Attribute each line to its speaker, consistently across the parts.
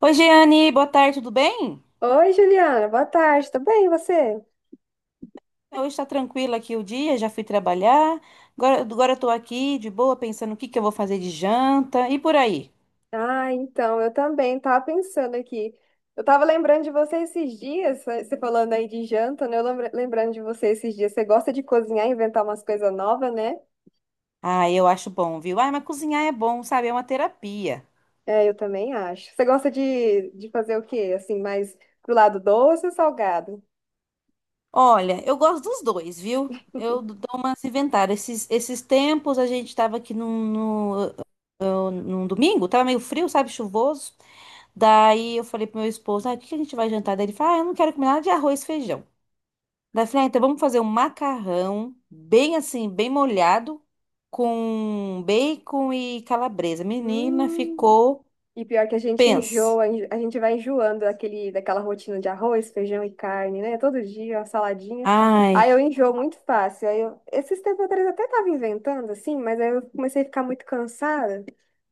Speaker 1: Oi, Jeane, boa tarde, tudo bem?
Speaker 2: Oi, Juliana, boa tarde, tudo bem, e você?
Speaker 1: Hoje está tranquilo aqui o dia, já fui trabalhar. Agora eu tô aqui de boa, pensando o que que eu vou fazer de janta e por aí.
Speaker 2: Ah, então, eu também tava pensando aqui. Eu tava lembrando de você esses dias, você falando aí de janta, né? Lembrando de você esses dias. Você gosta de cozinhar, inventar umas coisas novas, né?
Speaker 1: Ah, eu acho bom, viu? Ah, mas cozinhar é bom, sabe? É uma terapia.
Speaker 2: É, eu também acho. Você gosta de fazer o quê? Assim, mais pro lado doce ou salgado?
Speaker 1: Olha, eu gosto dos dois, viu? Eu dou umas inventadas. Esses tempos a gente estava aqui num, no- num domingo, tava meio frio, sabe? Chuvoso. Daí eu falei pro meu esposo, ah, o que que a gente vai jantar? Daí ele falou, ah, eu não quero comer nada de arroz e feijão. Daí eu falei, ah, então vamos fazer um macarrão bem assim, bem molhado, com bacon e calabresa. Menina,
Speaker 2: Hum.
Speaker 1: ficou,
Speaker 2: E pior que a gente
Speaker 1: pensa.
Speaker 2: a gente vai enjoando daquela rotina de arroz, feijão e carne, né? Todo dia, uma saladinha. Aí
Speaker 1: Ai,
Speaker 2: eu enjoo muito fácil. Aí eu, esses tempos atrás eu até tava inventando, assim, mas aí eu comecei a ficar muito cansada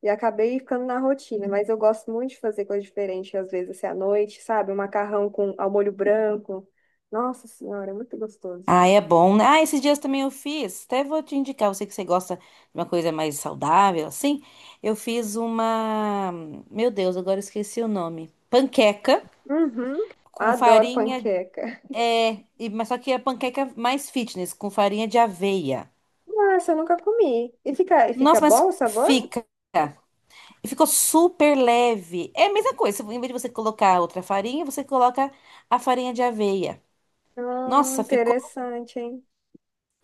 Speaker 2: e acabei ficando na rotina. Mas eu gosto muito de fazer coisa diferente, às vezes, assim, à noite, sabe? Um macarrão com ao molho branco. Nossa Senhora, é muito gostoso.
Speaker 1: ai, é bom, né? Ah, esses dias também eu fiz, até vou te indicar, você que você gosta de uma coisa mais saudável, assim. Eu fiz uma, meu Deus, agora eu esqueci o nome. Panqueca
Speaker 2: Uhum,
Speaker 1: com
Speaker 2: adoro
Speaker 1: farinha,
Speaker 2: panqueca.
Speaker 1: mas só que é a panqueca mais fitness, com farinha de aveia.
Speaker 2: Nossa, eu nunca comi. E
Speaker 1: Nossa,
Speaker 2: fica
Speaker 1: mas
Speaker 2: bom o sabor?
Speaker 1: fica. E ficou super leve. É a mesma coisa. Em vez de você colocar outra farinha, você coloca a farinha de aveia. Nossa, ficou.
Speaker 2: Interessante, hein?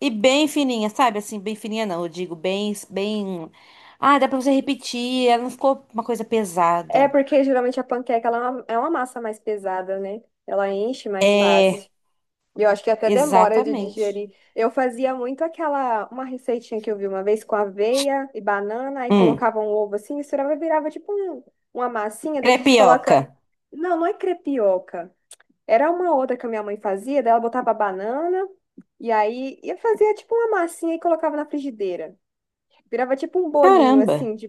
Speaker 1: E bem fininha, sabe? Assim, bem fininha não. Eu digo bem, bem. Ah, dá pra você repetir. Ela não ficou uma coisa
Speaker 2: É
Speaker 1: pesada.
Speaker 2: porque geralmente a panqueca ela é uma massa mais pesada, né? Ela enche mais
Speaker 1: É,
Speaker 2: fácil. E eu acho que até demora de
Speaker 1: exatamente.
Speaker 2: digerir. Eu fazia muito aquela, uma receitinha que eu vi uma vez com aveia e banana, aí
Speaker 1: Hum,
Speaker 2: colocava um ovo assim, misturava e virava tipo uma massinha, da gente
Speaker 1: crepioca.
Speaker 2: coloca. Não é crepioca. Era uma outra que a minha mãe fazia, daí ela botava banana, e aí eu fazia tipo uma massinha e colocava na frigideira. Virava tipo um bolinho
Speaker 1: Caramba,
Speaker 2: assim de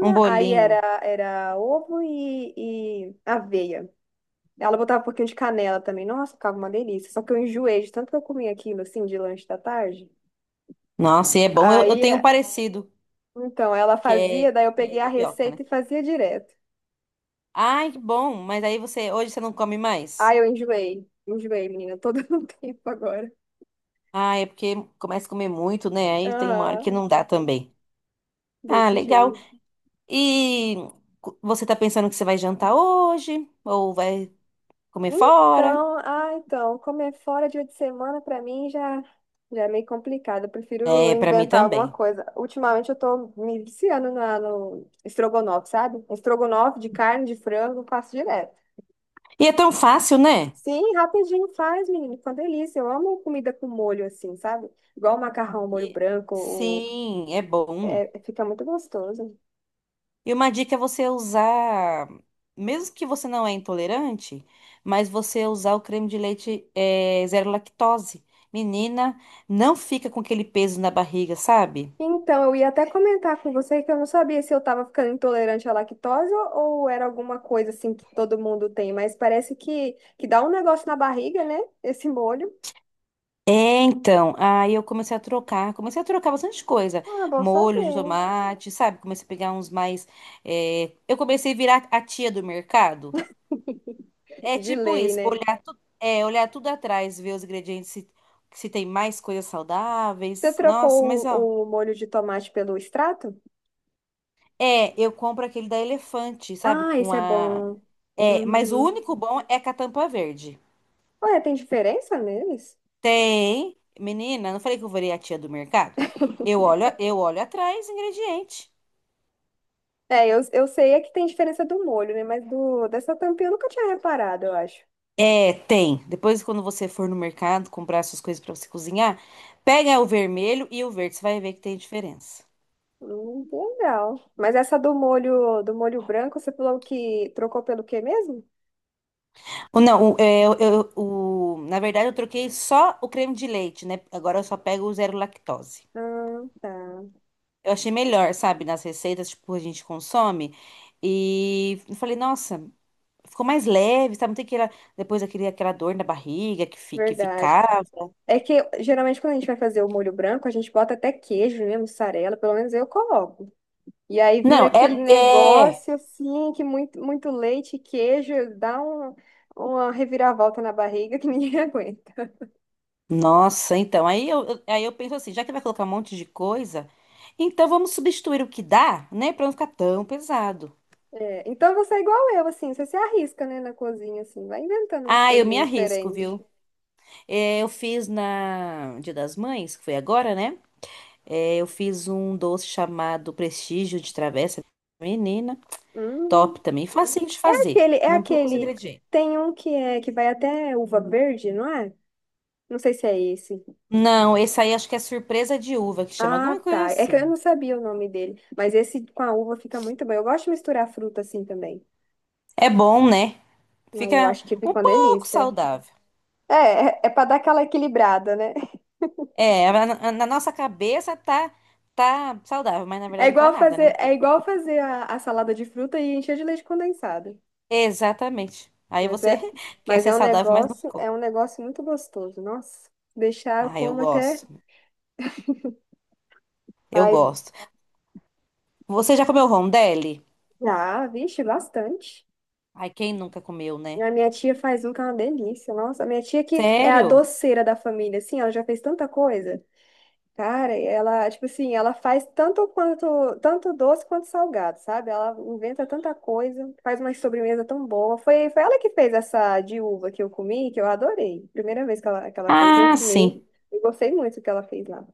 Speaker 1: um
Speaker 2: aí
Speaker 1: bolinho.
Speaker 2: era, era ovo e aveia. Ela botava um pouquinho de canela também. Nossa, ficava uma delícia. Só que eu enjoei de tanto que eu comia aquilo assim de lanche da tarde.
Speaker 1: Nossa, e é bom. Eu
Speaker 2: Aí,
Speaker 1: tenho um parecido,
Speaker 2: então, ela
Speaker 1: que
Speaker 2: fazia, daí eu
Speaker 1: é
Speaker 2: peguei a
Speaker 1: crepioca, né?
Speaker 2: receita e fazia direto.
Speaker 1: Ai, que bom. Mas aí você, hoje você não come mais?
Speaker 2: Aí eu enjoei. Enjoei, menina, todo o tempo agora.
Speaker 1: Ah, é porque começa a comer muito, né? Aí tem uma hora
Speaker 2: Aham,
Speaker 1: que não dá também. Ah,
Speaker 2: desse
Speaker 1: legal.
Speaker 2: jeito.
Speaker 1: E você tá pensando que você vai jantar hoje? Ou vai comer fora?
Speaker 2: Então, ah, então, comer fora dia de semana pra mim já, já é meio complicado. Eu prefiro
Speaker 1: É, pra mim
Speaker 2: inventar alguma
Speaker 1: também.
Speaker 2: coisa. Ultimamente eu tô me viciando no estrogonofe, sabe? Estrogonofe de carne, de frango, eu faço direto.
Speaker 1: E é tão fácil, né?
Speaker 2: Sim, rapidinho faz, menino. Fica uma delícia. Eu amo comida com molho assim, sabe? Igual macarrão, molho
Speaker 1: E-
Speaker 2: branco,
Speaker 1: Sim, é bom.
Speaker 2: é, fica muito gostoso.
Speaker 1: E uma dica é você usar, mesmo que você não é intolerante, mas você usar o creme de leite é, zero lactose. Menina, não fica com aquele peso na barriga, sabe?
Speaker 2: Então, eu ia até comentar com você que eu não sabia se eu estava ficando intolerante à lactose ou era alguma coisa assim que todo mundo tem, mas parece que dá um negócio na barriga, né? Esse molho.
Speaker 1: É, então, aí eu comecei a trocar bastante coisa,
Speaker 2: Ah, bom
Speaker 1: molho de
Speaker 2: saber.
Speaker 1: tomate, sabe? Comecei a pegar uns mais, é, eu comecei a virar a tia do mercado. É
Speaker 2: De
Speaker 1: tipo
Speaker 2: lei,
Speaker 1: isso,
Speaker 2: né?
Speaker 1: olhar tudo atrás, ver os ingredientes, se, tem mais coisas
Speaker 2: Você
Speaker 1: saudáveis. Nossa, mas
Speaker 2: trocou
Speaker 1: ó,
Speaker 2: o molho de tomate pelo extrato?
Speaker 1: é, eu compro aquele da Elefante, sabe?
Speaker 2: Ah,
Speaker 1: Com
Speaker 2: esse é
Speaker 1: a,
Speaker 2: bom.
Speaker 1: é, mas o
Speaker 2: Uhum.
Speaker 1: único bom é com a tampa verde.
Speaker 2: Ué, tem diferença neles?
Speaker 1: Tem, menina, não falei que eu virei a tia do mercado? Eu olho atrás, ingrediente.
Speaker 2: É, eu sei é que tem diferença do molho, né? Mas do, dessa tampinha eu nunca tinha reparado, eu acho.
Speaker 1: É, tem. Depois, quando você for no mercado comprar essas coisas pra você cozinhar, pega o vermelho e o verde, você vai ver que tem diferença.
Speaker 2: Legal. Mas essa do molho branco, você falou que trocou pelo quê mesmo?
Speaker 1: Ou não, o, é, eu- o- na verdade, eu troquei só o creme de leite, né? Agora eu só pego o zero lactose.
Speaker 2: Ah, tá.
Speaker 1: Eu achei melhor, sabe? Nas receitas, tipo, a gente consome. E eu falei, nossa, ficou mais leve, sabe? Não tem aquela, depois aquele, aquela dor na barriga que
Speaker 2: Verdade.
Speaker 1: ficava.
Speaker 2: É que geralmente quando a gente vai fazer o molho branco, a gente bota até queijo, né? Mussarela, pelo menos eu coloco. E aí vira
Speaker 1: Não,
Speaker 2: aquele
Speaker 1: é, é.
Speaker 2: negócio assim, que muito, muito leite e queijo dá uma reviravolta na barriga que ninguém aguenta.
Speaker 1: Nossa, então, aí eu penso assim, já que vai colocar um monte de coisa, então vamos substituir o que dá, né, pra não ficar tão pesado.
Speaker 2: É, então você é igual eu, assim, você se arrisca, né, na cozinha, assim, vai inventando umas
Speaker 1: Ah, eu me
Speaker 2: coisinhas
Speaker 1: arrisco,
Speaker 2: diferentes.
Speaker 1: viu? É, eu fiz na Dia das Mães, que foi agora, né? É, eu fiz um doce chamado Prestígio de Travessa. Menina, top
Speaker 2: Hum.
Speaker 1: também, facinho de fazer,
Speaker 2: Aquele, é
Speaker 1: não é poucos
Speaker 2: aquele.
Speaker 1: ingredientes.
Speaker 2: Tem um que é que vai até uva verde, não é? Não sei se é esse.
Speaker 1: Não, esse aí acho que é surpresa de uva, que chama
Speaker 2: Ah,
Speaker 1: alguma coisa
Speaker 2: tá. É que eu
Speaker 1: assim.
Speaker 2: não sabia o nome dele. Mas esse com a uva fica muito bom. Eu gosto de misturar fruta assim também.
Speaker 1: É bom, né?
Speaker 2: Ai, eu
Speaker 1: Fica
Speaker 2: acho que
Speaker 1: um
Speaker 2: fica uma
Speaker 1: pouco
Speaker 2: delícia.
Speaker 1: saudável.
Speaker 2: É, é, é pra dar aquela equilibrada, né?
Speaker 1: É, na nossa cabeça tá saudável, mas na verdade não tá nada, né?
Speaker 2: É
Speaker 1: Porque-
Speaker 2: igual fazer a salada de fruta e encher de leite condensado.
Speaker 1: exatamente. Aí
Speaker 2: Mas
Speaker 1: você
Speaker 2: é,
Speaker 1: quer
Speaker 2: mas
Speaker 1: ser saudável, mas não ficou.
Speaker 2: é um negócio muito gostoso. Nossa, deixar eu
Speaker 1: Ah, eu
Speaker 2: como até.
Speaker 1: gosto. Eu
Speaker 2: Ai,
Speaker 1: gosto. Você já comeu rondelli?
Speaker 2: ah, vixe, bastante.
Speaker 1: Ai, quem nunca comeu, né?
Speaker 2: A minha tia faz um que é uma delícia. Nossa, a minha tia que é a
Speaker 1: Sério?
Speaker 2: doceira da família, assim, ela já fez tanta coisa. Cara, ela, tipo assim, ela faz tanto quanto, tanto doce quanto salgado, sabe? Ela inventa tanta coisa, faz uma sobremesa tão boa. Foi ela que fez essa de uva que eu comi, que eu adorei. Primeira vez que ela fez, eu
Speaker 1: Ah, sim.
Speaker 2: comi e gostei muito do que ela fez lá.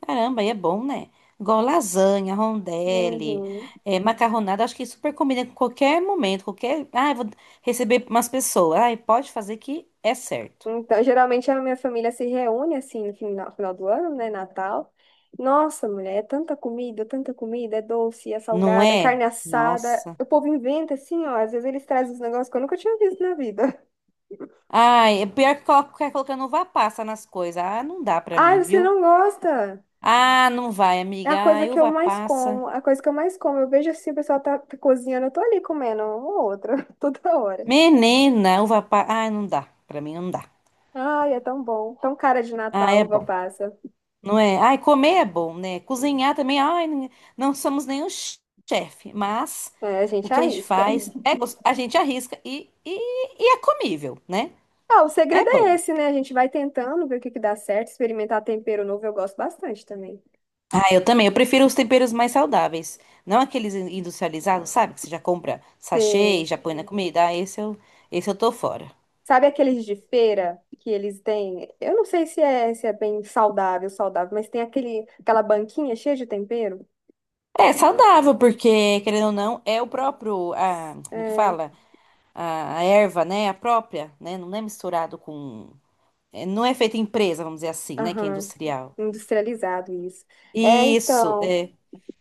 Speaker 1: Caramba, aí é bom, né? Igual lasanha, rondelli,
Speaker 2: Uhum.
Speaker 1: é, macarronada, acho que super combina com qualquer momento, qualquer. Ah, eu vou receber umas pessoas. Ai, pode fazer que é certo.
Speaker 2: Então, geralmente a minha família se reúne assim no final, final do ano, né? Natal. Nossa, mulher, é tanta comida, é doce, é
Speaker 1: Não
Speaker 2: salgada, é carne
Speaker 1: é?
Speaker 2: assada.
Speaker 1: Nossa.
Speaker 2: O povo inventa assim, ó. Às vezes eles trazem uns negócios que eu nunca tinha visto na vida.
Speaker 1: Ai, é pior que coloca ficar colocando uva passa nas coisas. Ah, não dá pra mim,
Speaker 2: Ai, você
Speaker 1: viu?
Speaker 2: não gosta?
Speaker 1: Ah, não vai,
Speaker 2: É
Speaker 1: amiga.
Speaker 2: a coisa
Speaker 1: Ai,
Speaker 2: que eu
Speaker 1: uva
Speaker 2: mais
Speaker 1: passa.
Speaker 2: como, a coisa que eu mais como. Eu vejo assim, o pessoal tá cozinhando, eu tô ali comendo uma ou outra, toda hora.
Speaker 1: Menina, uva passa. Ai, não dá. Pra mim não dá.
Speaker 2: Ai, é tão bom, tão cara de
Speaker 1: Ah, é
Speaker 2: Natal, uva
Speaker 1: bom.
Speaker 2: passa.
Speaker 1: Não é? Ai, comer é bom, né? Cozinhar também. Ai, não somos nenhum chefe, mas
Speaker 2: É, a
Speaker 1: o
Speaker 2: gente
Speaker 1: que a gente
Speaker 2: arrisca.
Speaker 1: faz é a gente arrisca e é comível, né?
Speaker 2: Ah, o
Speaker 1: É
Speaker 2: segredo é
Speaker 1: bom.
Speaker 2: esse, né? A gente vai tentando ver o que que dá certo, experimentar tempero novo, eu gosto bastante também.
Speaker 1: Ah, eu também. Eu prefiro os temperos mais saudáveis. Não aqueles industrializados, sabe? Que você já compra sachê e
Speaker 2: Tem-
Speaker 1: já põe na comida. Ah, esse eu tô fora.
Speaker 2: Sabe aqueles de feira que eles têm? Eu não sei se é bem saudável, mas tem aquele, aquela banquinha cheia de tempero.
Speaker 1: É saudável, porque, querendo ou não, é o próprio, como que
Speaker 2: É,
Speaker 1: fala? A erva, né? A própria, né? Não é misturado com... é, não é feita em empresa, vamos dizer assim, né? Que é
Speaker 2: aham,
Speaker 1: industrial.
Speaker 2: industrializado isso. É,
Speaker 1: Isso,
Speaker 2: então,
Speaker 1: é.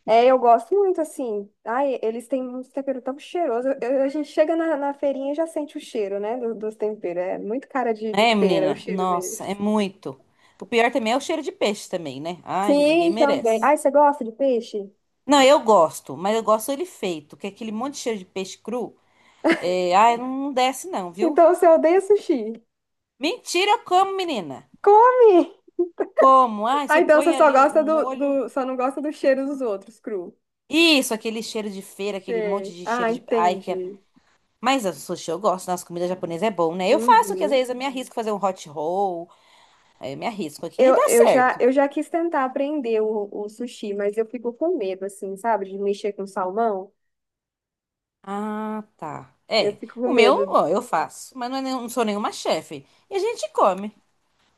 Speaker 2: é, eu gosto muito, assim. Ai, eles têm um tempero tão cheiroso. A gente chega na feirinha e já sente o cheiro, né, dos temperos. É muito cara de
Speaker 1: É,
Speaker 2: feira o
Speaker 1: menina?
Speaker 2: cheiro
Speaker 1: Nossa, é
Speaker 2: deles.
Speaker 1: muito. O pior também é o cheiro de peixe também, né? Ai, ninguém
Speaker 2: Sim, também.
Speaker 1: merece.
Speaker 2: Ai, você gosta de peixe?
Speaker 1: Não, eu gosto, mas eu gosto ele feito, que é aquele monte de cheiro de peixe cru. É, ai, não desce não, viu?
Speaker 2: Então você odeia sushi.
Speaker 1: Mentira, eu como, menina.
Speaker 2: Come!
Speaker 1: Como? Ai,
Speaker 2: Ah,
Speaker 1: você
Speaker 2: então você
Speaker 1: põe
Speaker 2: só
Speaker 1: ali um
Speaker 2: gosta
Speaker 1: um molho.
Speaker 2: só não gosta do cheiro dos outros, cru.
Speaker 1: Isso, aquele cheiro de feira, aquele monte
Speaker 2: Sei.
Speaker 1: de
Speaker 2: Ah,
Speaker 1: cheiro de. Ai, que é...
Speaker 2: entendi.
Speaker 1: Mas o sushi eu gosto, nossa comida japonesa é bom, né? Eu faço que às
Speaker 2: Uhum.
Speaker 1: vezes eu me arrisco a fazer um hot roll, aí eu me arrisco aqui e dá certo.
Speaker 2: Eu já quis tentar aprender o sushi, mas eu fico com medo, assim, sabe? De mexer com salmão.
Speaker 1: Ah, tá.
Speaker 2: Eu
Speaker 1: É,
Speaker 2: fico com
Speaker 1: o meu,
Speaker 2: medo.
Speaker 1: ó, eu faço, mas não, é não sou nenhuma chefe. E a gente come.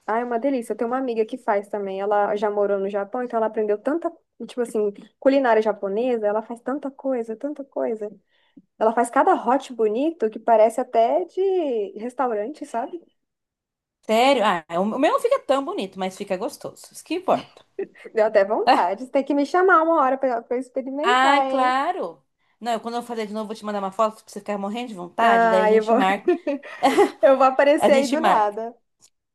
Speaker 2: Ah, é uma delícia. Eu tenho uma amiga que faz também. Ela já morou no Japão, então ela aprendeu tanta, tipo assim, culinária japonesa. Ela faz tanta coisa, tanta coisa. Ela faz cada hot bonito que parece até de restaurante, sabe?
Speaker 1: Sério? Ah, o meu não fica tão bonito, mas fica gostoso. Isso que importa.
Speaker 2: Deu até
Speaker 1: Ah,
Speaker 2: vontade. Você Tem que me chamar uma hora pra eu
Speaker 1: ah,
Speaker 2: experimentar, hein?
Speaker 1: claro. Não, quando eu fazer de novo, vou te mandar uma foto pra você ficar morrendo de vontade. Daí a
Speaker 2: Ah, eu
Speaker 1: gente
Speaker 2: vou,
Speaker 1: marca.
Speaker 2: eu vou
Speaker 1: A
Speaker 2: aparecer aí
Speaker 1: gente
Speaker 2: do
Speaker 1: marca.
Speaker 2: nada.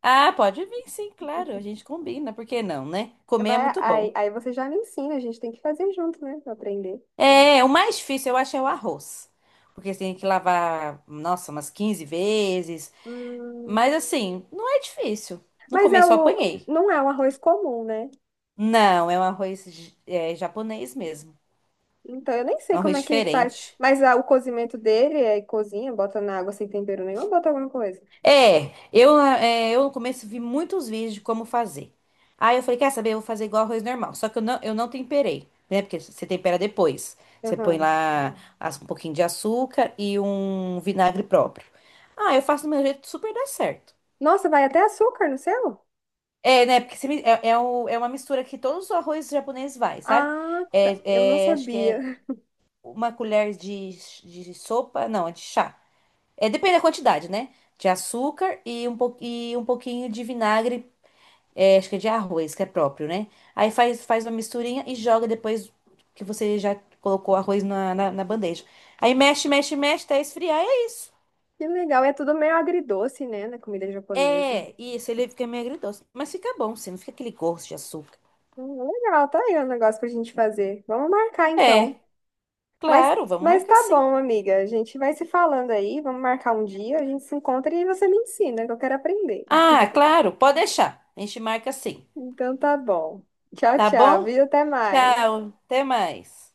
Speaker 1: Ah, pode vir, sim, claro. A gente combina. Por que não, né? Comer é
Speaker 2: Vai,
Speaker 1: muito
Speaker 2: aí,
Speaker 1: bom.
Speaker 2: aí você já me ensina, a gente tem que fazer junto, né? Pra aprender.
Speaker 1: É, o mais difícil eu acho é o arroz. Porque você tem que lavar, nossa, umas 15 vezes.
Speaker 2: Hum,
Speaker 1: Mas assim, não é difícil. No
Speaker 2: mas é
Speaker 1: começo eu
Speaker 2: o,
Speaker 1: apanhei.
Speaker 2: não é um arroz comum, né?
Speaker 1: Não, é um arroz japonês mesmo.
Speaker 2: Então eu nem sei
Speaker 1: Um
Speaker 2: como
Speaker 1: arroz
Speaker 2: é que faz.
Speaker 1: diferente.
Speaker 2: Mas ah, o cozimento dele é cozinha, bota na água sem tempero nenhum, ou bota alguma coisa.
Speaker 1: Eu no começo vi muitos vídeos de como fazer. Aí eu falei, quer saber, eu vou fazer igual arroz normal. Só que eu não temperei, né? Porque você tempera depois. Você põe
Speaker 2: Aham.
Speaker 1: lá um pouquinho de açúcar e um vinagre próprio. Ah, eu faço do meu jeito, super dá certo.
Speaker 2: Nossa, vai até açúcar no seu?
Speaker 1: É, né? Porque você é uma mistura que todos os arroz japoneses vai, sabe?
Speaker 2: Ah, tá. Eu não
Speaker 1: É, acho que é
Speaker 2: sabia.
Speaker 1: uma colher de sopa, não, é de chá. É, depende da quantidade, né? De açúcar e e um pouquinho de vinagre. É, acho que é de arroz, que é próprio, né? Aí faz, faz uma misturinha e joga depois que você já colocou o arroz na bandeja. Aí mexe, mexe, mexe até esfriar e é isso.
Speaker 2: Que legal. É tudo meio agridoce, né? Na comida japonesa.
Speaker 1: É, isso, ele fica meio agridoce. Mas fica bom, sim, não fica aquele gosto de açúcar.
Speaker 2: Legal, tá aí o negócio pra gente fazer. Vamos marcar
Speaker 1: É,
Speaker 2: então. Mas,
Speaker 1: claro, vamos
Speaker 2: mas
Speaker 1: marcar
Speaker 2: tá
Speaker 1: sim.
Speaker 2: bom, amiga. A gente vai se falando aí. Vamos marcar um dia. A gente se encontra e você me ensina, que eu quero aprender.
Speaker 1: Ah, claro, pode deixar. A gente marca sim.
Speaker 2: Então tá bom. Tchau,
Speaker 1: Tá
Speaker 2: tchau.
Speaker 1: bom?
Speaker 2: Viu? Até mais.
Speaker 1: Tchau, até mais.